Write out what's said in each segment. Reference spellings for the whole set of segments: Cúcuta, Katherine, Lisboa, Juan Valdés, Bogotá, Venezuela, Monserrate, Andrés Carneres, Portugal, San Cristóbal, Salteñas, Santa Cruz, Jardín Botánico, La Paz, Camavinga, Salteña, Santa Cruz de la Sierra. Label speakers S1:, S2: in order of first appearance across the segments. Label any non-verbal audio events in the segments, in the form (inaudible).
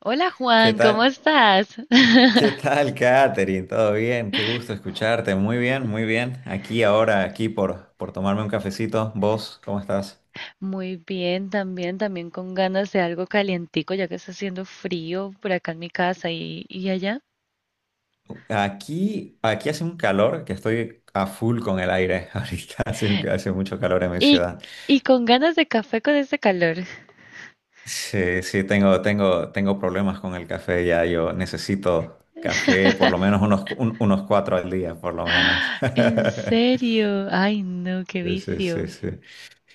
S1: Hola
S2: ¿Qué
S1: Juan, ¿cómo
S2: tal?
S1: estás? (laughs)
S2: ¿Qué tal, Katherine? ¿Todo bien? Qué gusto escucharte. Muy bien, muy bien. Aquí ahora, aquí por tomarme un cafecito. ¿Vos cómo estás?
S1: Muy bien, también con ganas de algo calientico, ya que está haciendo frío por acá en mi casa y allá.
S2: Aquí hace un calor que estoy a full con el aire. (laughs) Ahorita hace mucho calor en mi
S1: Y,
S2: ciudad.
S1: con ganas de café con este calor. (laughs)
S2: Sí, sí, tengo problemas con el café ya. Yo necesito café por lo menos unos cuatro al día, por lo menos.
S1: En
S2: (laughs)
S1: serio, ay no, qué
S2: Sí, sí, sí,
S1: vicio.
S2: sí.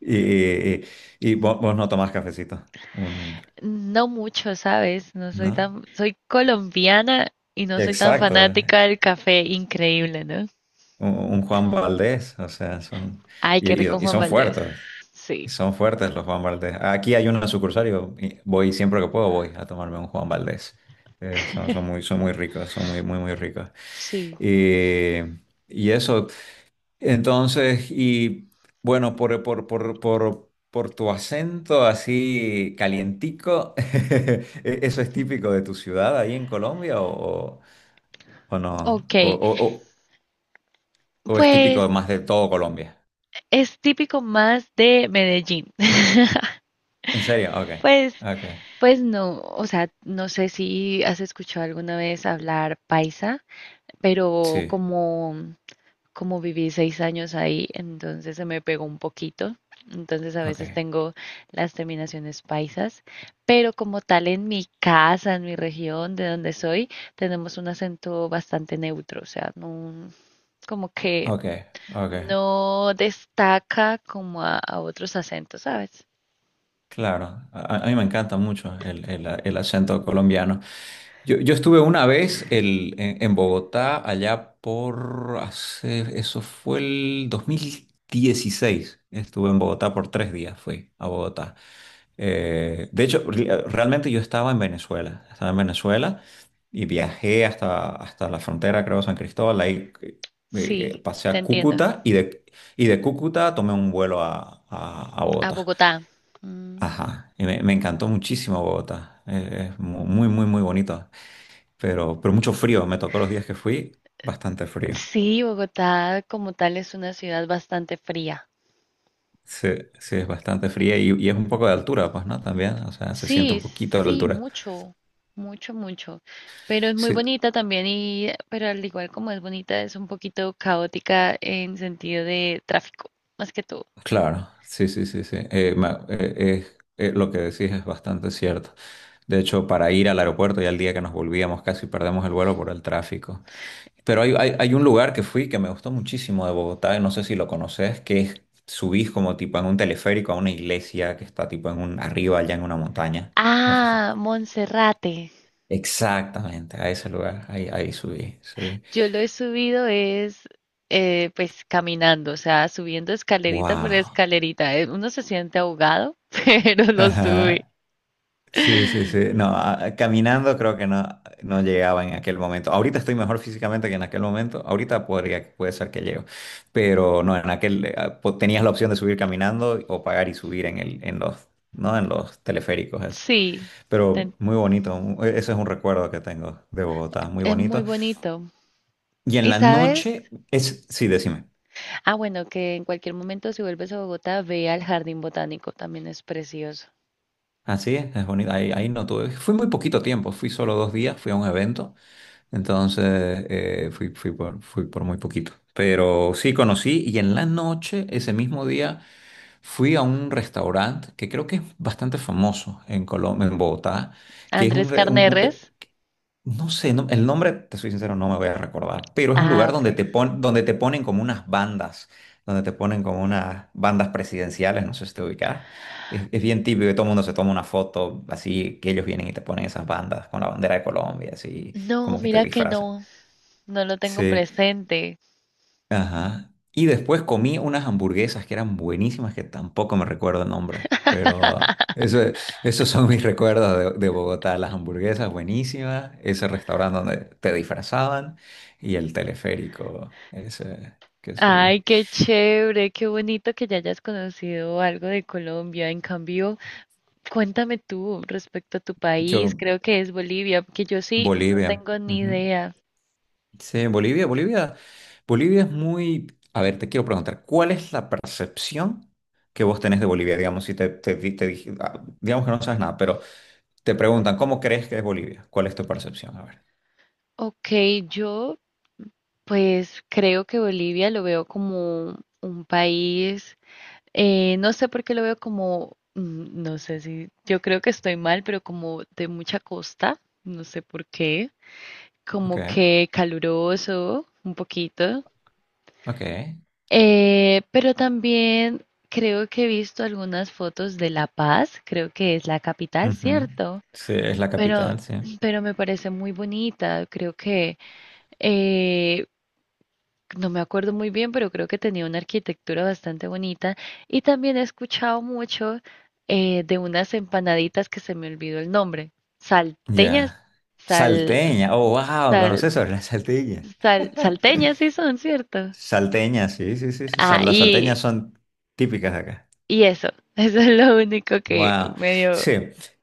S2: Y, y, y- y vos no tomás cafecito. Un-
S1: No mucho, ¿sabes? No soy
S2: ¿No?
S1: tan, soy colombiana y no soy tan
S2: Exacto,
S1: fanática del café, increíble, ¿no?
S2: un Juan Valdés, o sea, son,
S1: Ay,
S2: y,
S1: qué
S2: y-
S1: rico
S2: y
S1: Juan
S2: son
S1: Valdés.
S2: fuertes,
S1: Sí,
S2: y son fuertes los Juan Valdés. Aquí hay una sucursal, y voy siempre que puedo, voy a tomarme un Juan Valdés. Son muy ricos, son muy, muy, muy ricos.
S1: sí.
S2: Y, y eso, entonces, y bueno, por tu acento así calientico. (laughs) ¿eso es típico de tu ciudad ahí en Colombia o- no?
S1: Ok,
S2: ¿O es
S1: pues
S2: típico más de todo Colombia?
S1: es típico más de Medellín.
S2: ¿En serio? Ok,
S1: Pues,
S2: ok.
S1: pues no, o sea, no sé si has escuchado alguna vez hablar paisa, pero
S2: Sí,
S1: como viví 6 años ahí, entonces se me pegó un poquito. Entonces a
S2: ok,
S1: veces tengo las terminaciones paisas, pero como tal en mi casa, en mi región, de donde soy, tenemos un acento bastante neutro, o sea, no, como que
S2: ok, ok.
S1: no destaca como a otros acentos, ¿sabes?
S2: Claro, a mí me encanta mucho el acento colombiano. Yo estuve una vez en Bogotá, allá por hace, eso fue el 2016. Estuve en Bogotá por 3 días, fui a Bogotá. De hecho, realmente yo estaba en Venezuela, y viajé hasta la frontera, creo, San Cristóbal. Ahí,
S1: Sí,
S2: pasé
S1: te
S2: a
S1: entiendo.
S2: Cúcuta y de Cúcuta tomé un vuelo a
S1: A
S2: Bogotá.
S1: Bogotá. Mm.
S2: Ajá, y me encantó muchísimo Bogotá. Es muy, muy, muy bonito. Pero mucho frío, me tocó los días que fui, bastante frío.
S1: Sí, Bogotá como tal es una ciudad bastante fría.
S2: Sí, sí, es bastante fría y es un poco de altura, pues, ¿no? También, o sea, se siente
S1: Sí,
S2: un poquito de la
S1: sí,
S2: altura.
S1: mucho. Pero es muy
S2: Sí,
S1: bonita también y, pero al igual como es bonita, es un poquito caótica en sentido de tráfico, más que todo.
S2: claro, sí, sí, sí, sí. Lo que decís es bastante cierto. De hecho, para ir al aeropuerto y al día que nos volvíamos casi perdemos el vuelo por el tráfico. Pero hay un lugar que fui que me gustó muchísimo de Bogotá, y no sé si lo conoces, que es, subís como tipo en un teleférico a una iglesia que está tipo arriba allá en una montaña. No sé si.
S1: Ah, Monserrate.
S2: Exactamente, a ese lugar, ahí subí, subí.
S1: Yo lo he subido es, Pues caminando, o sea, subiendo escalerita por
S2: Wow.
S1: escalerita. Uno se siente ahogado, (laughs) pero lo sube.
S2: Sí, sí, sí. No, caminando creo que no llegaba en aquel momento. Ahorita estoy mejor físicamente que en aquel momento. Ahorita podría, puede ser que llego. Pero no, en aquel ah, po- tenías la opción de subir caminando o pagar y subir en los, ¿no? En los teleféricos, eso.
S1: Sí, te
S2: Pero muy bonito. Ese es un recuerdo que tengo de Bogotá, muy
S1: Es muy
S2: bonito.
S1: bonito.
S2: Y en
S1: Y
S2: la
S1: sabes,
S2: noche es, sí, decime.
S1: ah, bueno, que en cualquier momento si vuelves a Bogotá, ve al Jardín Botánico, también es precioso.
S2: Así es bonito. Ahí no tuve. Fui muy poquito tiempo, fui solo 2 días, fui a un evento. Entonces fui, fui por muy poquito. Pero sí conocí y en la noche, ese mismo día, fui a un restaurante que creo que es bastante famoso en Colombia, en Bogotá, que es un,
S1: Andrés
S2: re- un-
S1: Carneres.
S2: no sé, el nombre, te soy sincero, no me voy a recordar, pero es un
S1: Ah,
S2: lugar donde
S1: ok.
S2: te pon- donde te ponen como unas bandas, donde te ponen como unas bandas presidenciales, no sé si te ubicas. Es bien típico que todo el mundo se toma una foto así, que ellos vienen y te ponen esas bandas con la bandera de Colombia, así
S1: No,
S2: como que te
S1: mira que
S2: disfrazan.
S1: no, no lo tengo
S2: Sí,
S1: presente.
S2: ajá. Y después comí unas hamburguesas que eran buenísimas, que tampoco me recuerdo el nombre, pero
S1: (laughs)
S2: esos son mis recuerdos de Bogotá, las hamburguesas buenísimas, ese restaurante donde te disfrazaban y el teleférico ese que
S1: Ay,
S2: subí.
S1: qué chévere, qué bonito que ya hayas conocido algo de Colombia. En cambio, cuéntame tú respecto a tu país,
S2: Yo,
S1: creo que es Bolivia, porque yo sí no
S2: Bolivia.
S1: tengo ni
S2: Ujú.
S1: idea.
S2: Sí, Bolivia, Bolivia. Bolivia es muy... A ver, te quiero preguntar, ¿cuál es la percepción que vos tenés de Bolivia? Digamos, si te, te, di- te dije- ah, digamos que no sabes nada, pero... Te preguntan, ¿cómo crees que es Bolivia? ¿Cuál es tu percepción? A ver.
S1: Ok, yo pues creo que Bolivia lo veo como un país, no sé por qué lo veo como, mm, no sé si, yo creo que estoy mal, pero como de mucha costa, no sé por qué,
S2: Ok,
S1: como que caluroso un poquito,
S2: ok.
S1: pero también creo que he visto algunas fotos de La Paz, creo que es la capital,
S2: Ujú.
S1: ¿cierto?
S2: Sí, es la
S1: Pero,
S2: capital, sí.
S1: pero me parece muy bonita, creo que... eh, No me acuerdo muy bien, pero creo que tenía una arquitectura bastante bonita. Y también he escuchado mucho de unas empanaditas que se me olvidó el nombre. Salteñas,
S2: Ya.
S1: sal,
S2: Salteña. Oh, wow,
S1: sal,
S2: ¿conoces sobre la salteña?
S1: sal, Salteñas sí son, ¿cierto?
S2: Salteña, sí, sí, sí, sí.
S1: Ah,
S2: Las salteñas son típicas de acá.
S1: eso, (laughs) eso es lo único que
S2: Wow.
S1: medio...
S2: Sí,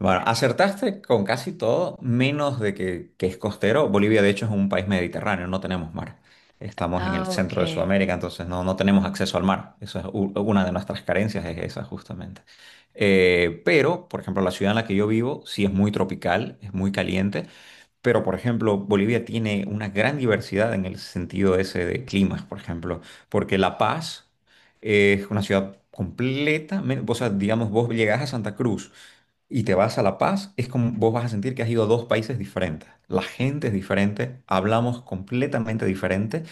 S2: bueno, acertaste con casi todo, menos de que es costero. Bolivia, de hecho, es un país mediterráneo, no tenemos mar. Estamos en el
S1: Ah,
S2: centro de
S1: ok.
S2: Sudamérica, entonces no tenemos acceso al mar. Eso es una de nuestras carencias, es esa justamente. Pero, por ejemplo, la ciudad en la que yo vivo sí es muy tropical, es muy caliente. Pero, por ejemplo, Bolivia tiene una gran diversidad en el sentido ese de climas, por ejemplo, porque La Paz es una ciudad completamente, o sea, digamos, vos llegás a Santa Cruz y te vas a La Paz, es como vos vas a sentir que has ido a dos países diferentes. La gente es diferente, hablamos completamente diferente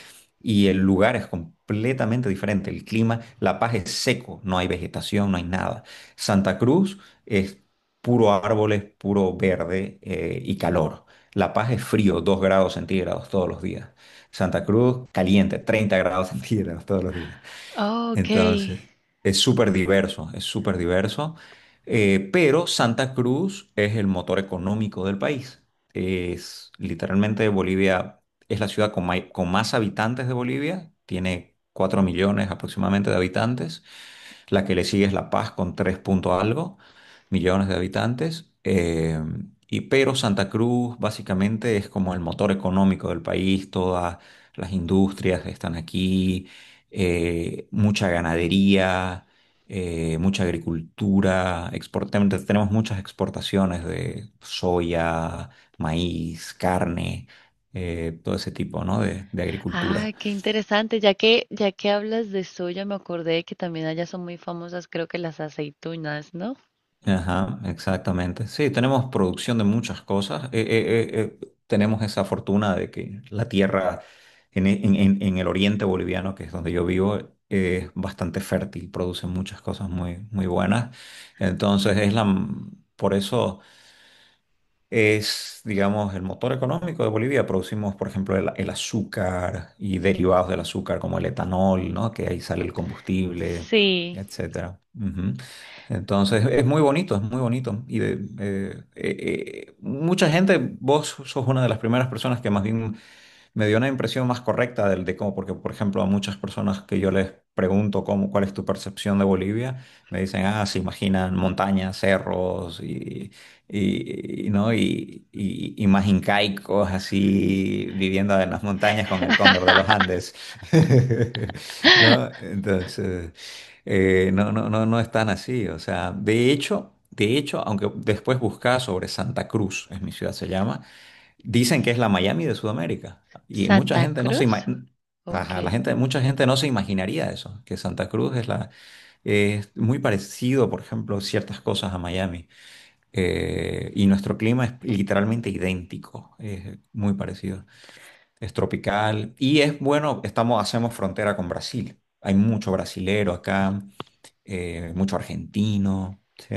S2: y el lugar es completamente diferente. El clima, La Paz es seco, no hay vegetación, no hay nada. Santa Cruz es puro árboles, puro verde y calor. La Paz es frío, 2 grados centígrados todos los días. Santa Cruz caliente, 30 grados (laughs) centígrados todos los días.
S1: Oh, ok.
S2: Entonces, es súper diverso, pero Santa Cruz es el motor económico del país. Es literalmente Bolivia, es la ciudad con más habitantes de Bolivia, tiene 4 millones aproximadamente de habitantes. La que le sigue es La Paz con 3 punto algo millones de habitantes. Pero Santa Cruz básicamente es como el motor económico del país, todas las industrias están aquí, mucha ganadería, mucha agricultura, exportamos, tenemos muchas exportaciones de soya, maíz, carne, todo ese tipo, ¿no? de
S1: Ah,
S2: agricultura.
S1: qué interesante. Ya que hablas de soya, me acordé que también allá son muy famosas, creo que las aceitunas, ¿no?
S2: Ajá, exactamente. Sí, tenemos producción de muchas cosas. Tenemos esa fortuna de que la tierra en, e- en- en el oriente boliviano, que es donde yo vivo, es bastante fértil, produce muchas cosas muy, muy buenas. Entonces, por eso es, digamos, el motor económico de Bolivia. Producimos, por ejemplo, el azúcar y derivados del azúcar como el etanol, ¿no? Que ahí sale el combustible,
S1: Sí.
S2: etcétera. Ujú. Entonces, es muy bonito, es muy bonito. Mucha gente, vos sos una de las primeras personas que más bien me dio una impresión más correcta del, de cómo, porque por ejemplo a muchas personas que yo les pregunto cómo, cuál es tu percepción de Bolivia, me dicen, ah, se imaginan montañas, cerros y, ¿no?, y más incaicos así viviendo en las montañas con el cóndor de los
S1: (laughs)
S2: Andes. (laughs) ¿No? Entonces, no, no, no, no es tan así, o sea, de hecho... De hecho, aunque después buscaba sobre Santa Cruz, es mi ciudad se llama, dicen que es la Miami de Sudamérica y mucha
S1: Santa
S2: gente no se ima-.
S1: Cruz,
S2: Ajá,
S1: ok.
S2: mucha gente no se imaginaría eso, que Santa Cruz es muy parecido, por ejemplo, ciertas cosas a Miami. Y nuestro clima es literalmente idéntico, es muy parecido, es tropical y es bueno, estamos hacemos frontera con Brasil, hay mucho brasilero acá, mucho argentino, ¿sí?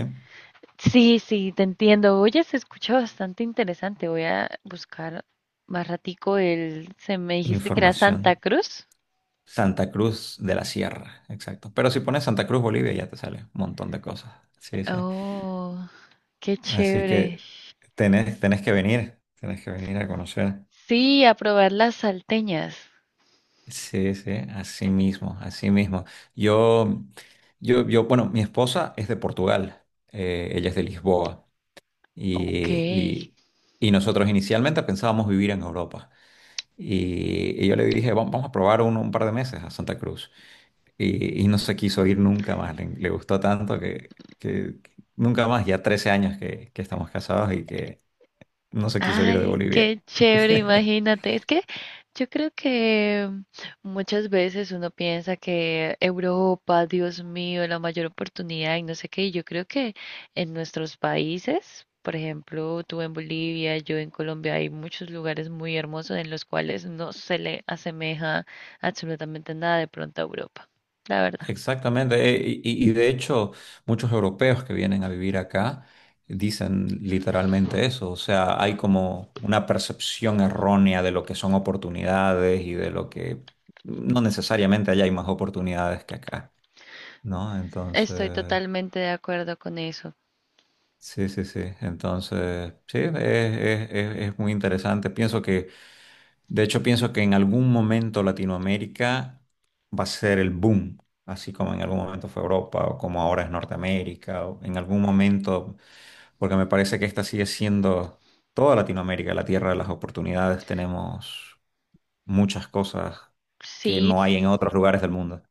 S1: Sí, sí, te entiendo. Oye, se escucha bastante interesante. Voy a buscar más ratico el... Se me dijiste que era Santa
S2: Información.
S1: Cruz.
S2: Santa Cruz de la Sierra, exacto. Pero si pones Santa Cruz, Bolivia, ya te sale un montón de cosas. Sí, sí.
S1: Oh, qué
S2: Así
S1: chévere.
S2: que tenés que venir a conocer.
S1: Sí, a probar las salteñas.
S2: Sí, sí, así mismo, así mismo. Yo, bueno, mi esposa es de Portugal, ella es de Lisboa y,
S1: Ok.
S2: y- y nosotros inicialmente pensábamos vivir en Europa. Y yo le dije, "Vamos a probar un par de meses a Santa Cruz". Y no se quiso ir nunca más, le gustó tanto que nunca más, ya 13 años que estamos casados y que no se quiso ir de
S1: Ay,
S2: Bolivia.
S1: qué chévere,
S2: (laughs)
S1: imagínate. Es que yo creo que muchas veces uno piensa que Europa, Dios mío, la mayor oportunidad y no sé qué. Y yo creo que en nuestros países, por ejemplo, tú en Bolivia, yo en Colombia, hay muchos lugares muy hermosos en los cuales no se le asemeja absolutamente nada de pronto a Europa. La verdad.
S2: Exactamente, y de hecho muchos europeos que vienen a vivir acá dicen literalmente eso, o sea, hay como una percepción errónea de lo que son oportunidades y de lo que no necesariamente allá hay más oportunidades que acá, ¿no?
S1: Estoy
S2: Entonces...
S1: totalmente de acuerdo con eso.
S2: Sí, sí, sí. Entonces, sí, es muy interesante. Pienso que, de hecho, pienso que en algún momento Latinoamérica va a ser el boom, así como en algún momento fue Europa o como ahora es Norteamérica, o en algún momento, porque me parece que esta sigue siendo toda Latinoamérica, la tierra de las oportunidades. Tenemos muchas cosas que
S1: Sí,
S2: no hay en otros lugares del mundo.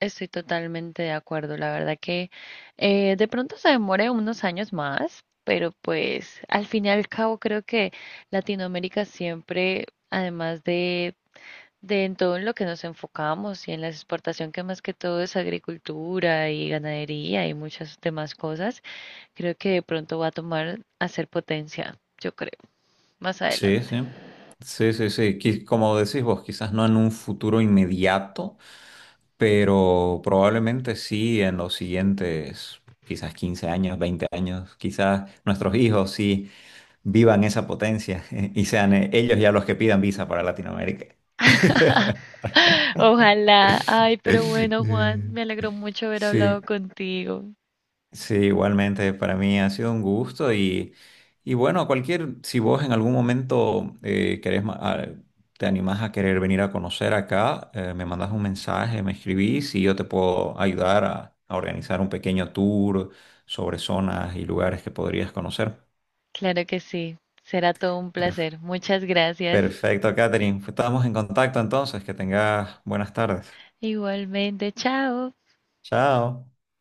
S1: estoy totalmente de acuerdo, la verdad que de pronto se demore unos años más, pero pues al fin y al cabo creo que Latinoamérica siempre, además de en todo en lo que nos enfocamos y en la exportación que más que todo es agricultura y ganadería y muchas demás cosas, creo que de pronto va a tomar a ser potencia, yo creo, más adelante.
S2: Sí, sí.
S1: (laughs)
S2: Sí, sí, sí. Como decís vos, quizás no en un futuro inmediato pero probablemente sí en los siguientes quizás 15 años, 20 años, quizás nuestros hijos sí vivan esa potencia (laughs) y sean ellos ya los que pidan visa para Latinoamérica. (laughs)
S1: Ojalá, ay, pero bueno, Juan, me alegró mucho haber hablado
S2: Sí.
S1: contigo.
S2: Sí, igualmente para mí ha sido un gusto y bueno, cualquier, si vos en algún momento querés, ma- a- te animás a querer venir a conocer acá, me mandas un mensaje, me escribís y yo te puedo ayudar a organizar un pequeño tour sobre zonas y lugares que podrías conocer.
S1: Claro que sí, será todo un
S2: Per-
S1: placer. Muchas gracias.
S2: Perfecto, Catherine. Estamos en contacto entonces, que tengas buenas tardes.
S1: Igualmente, chao.
S2: Chao.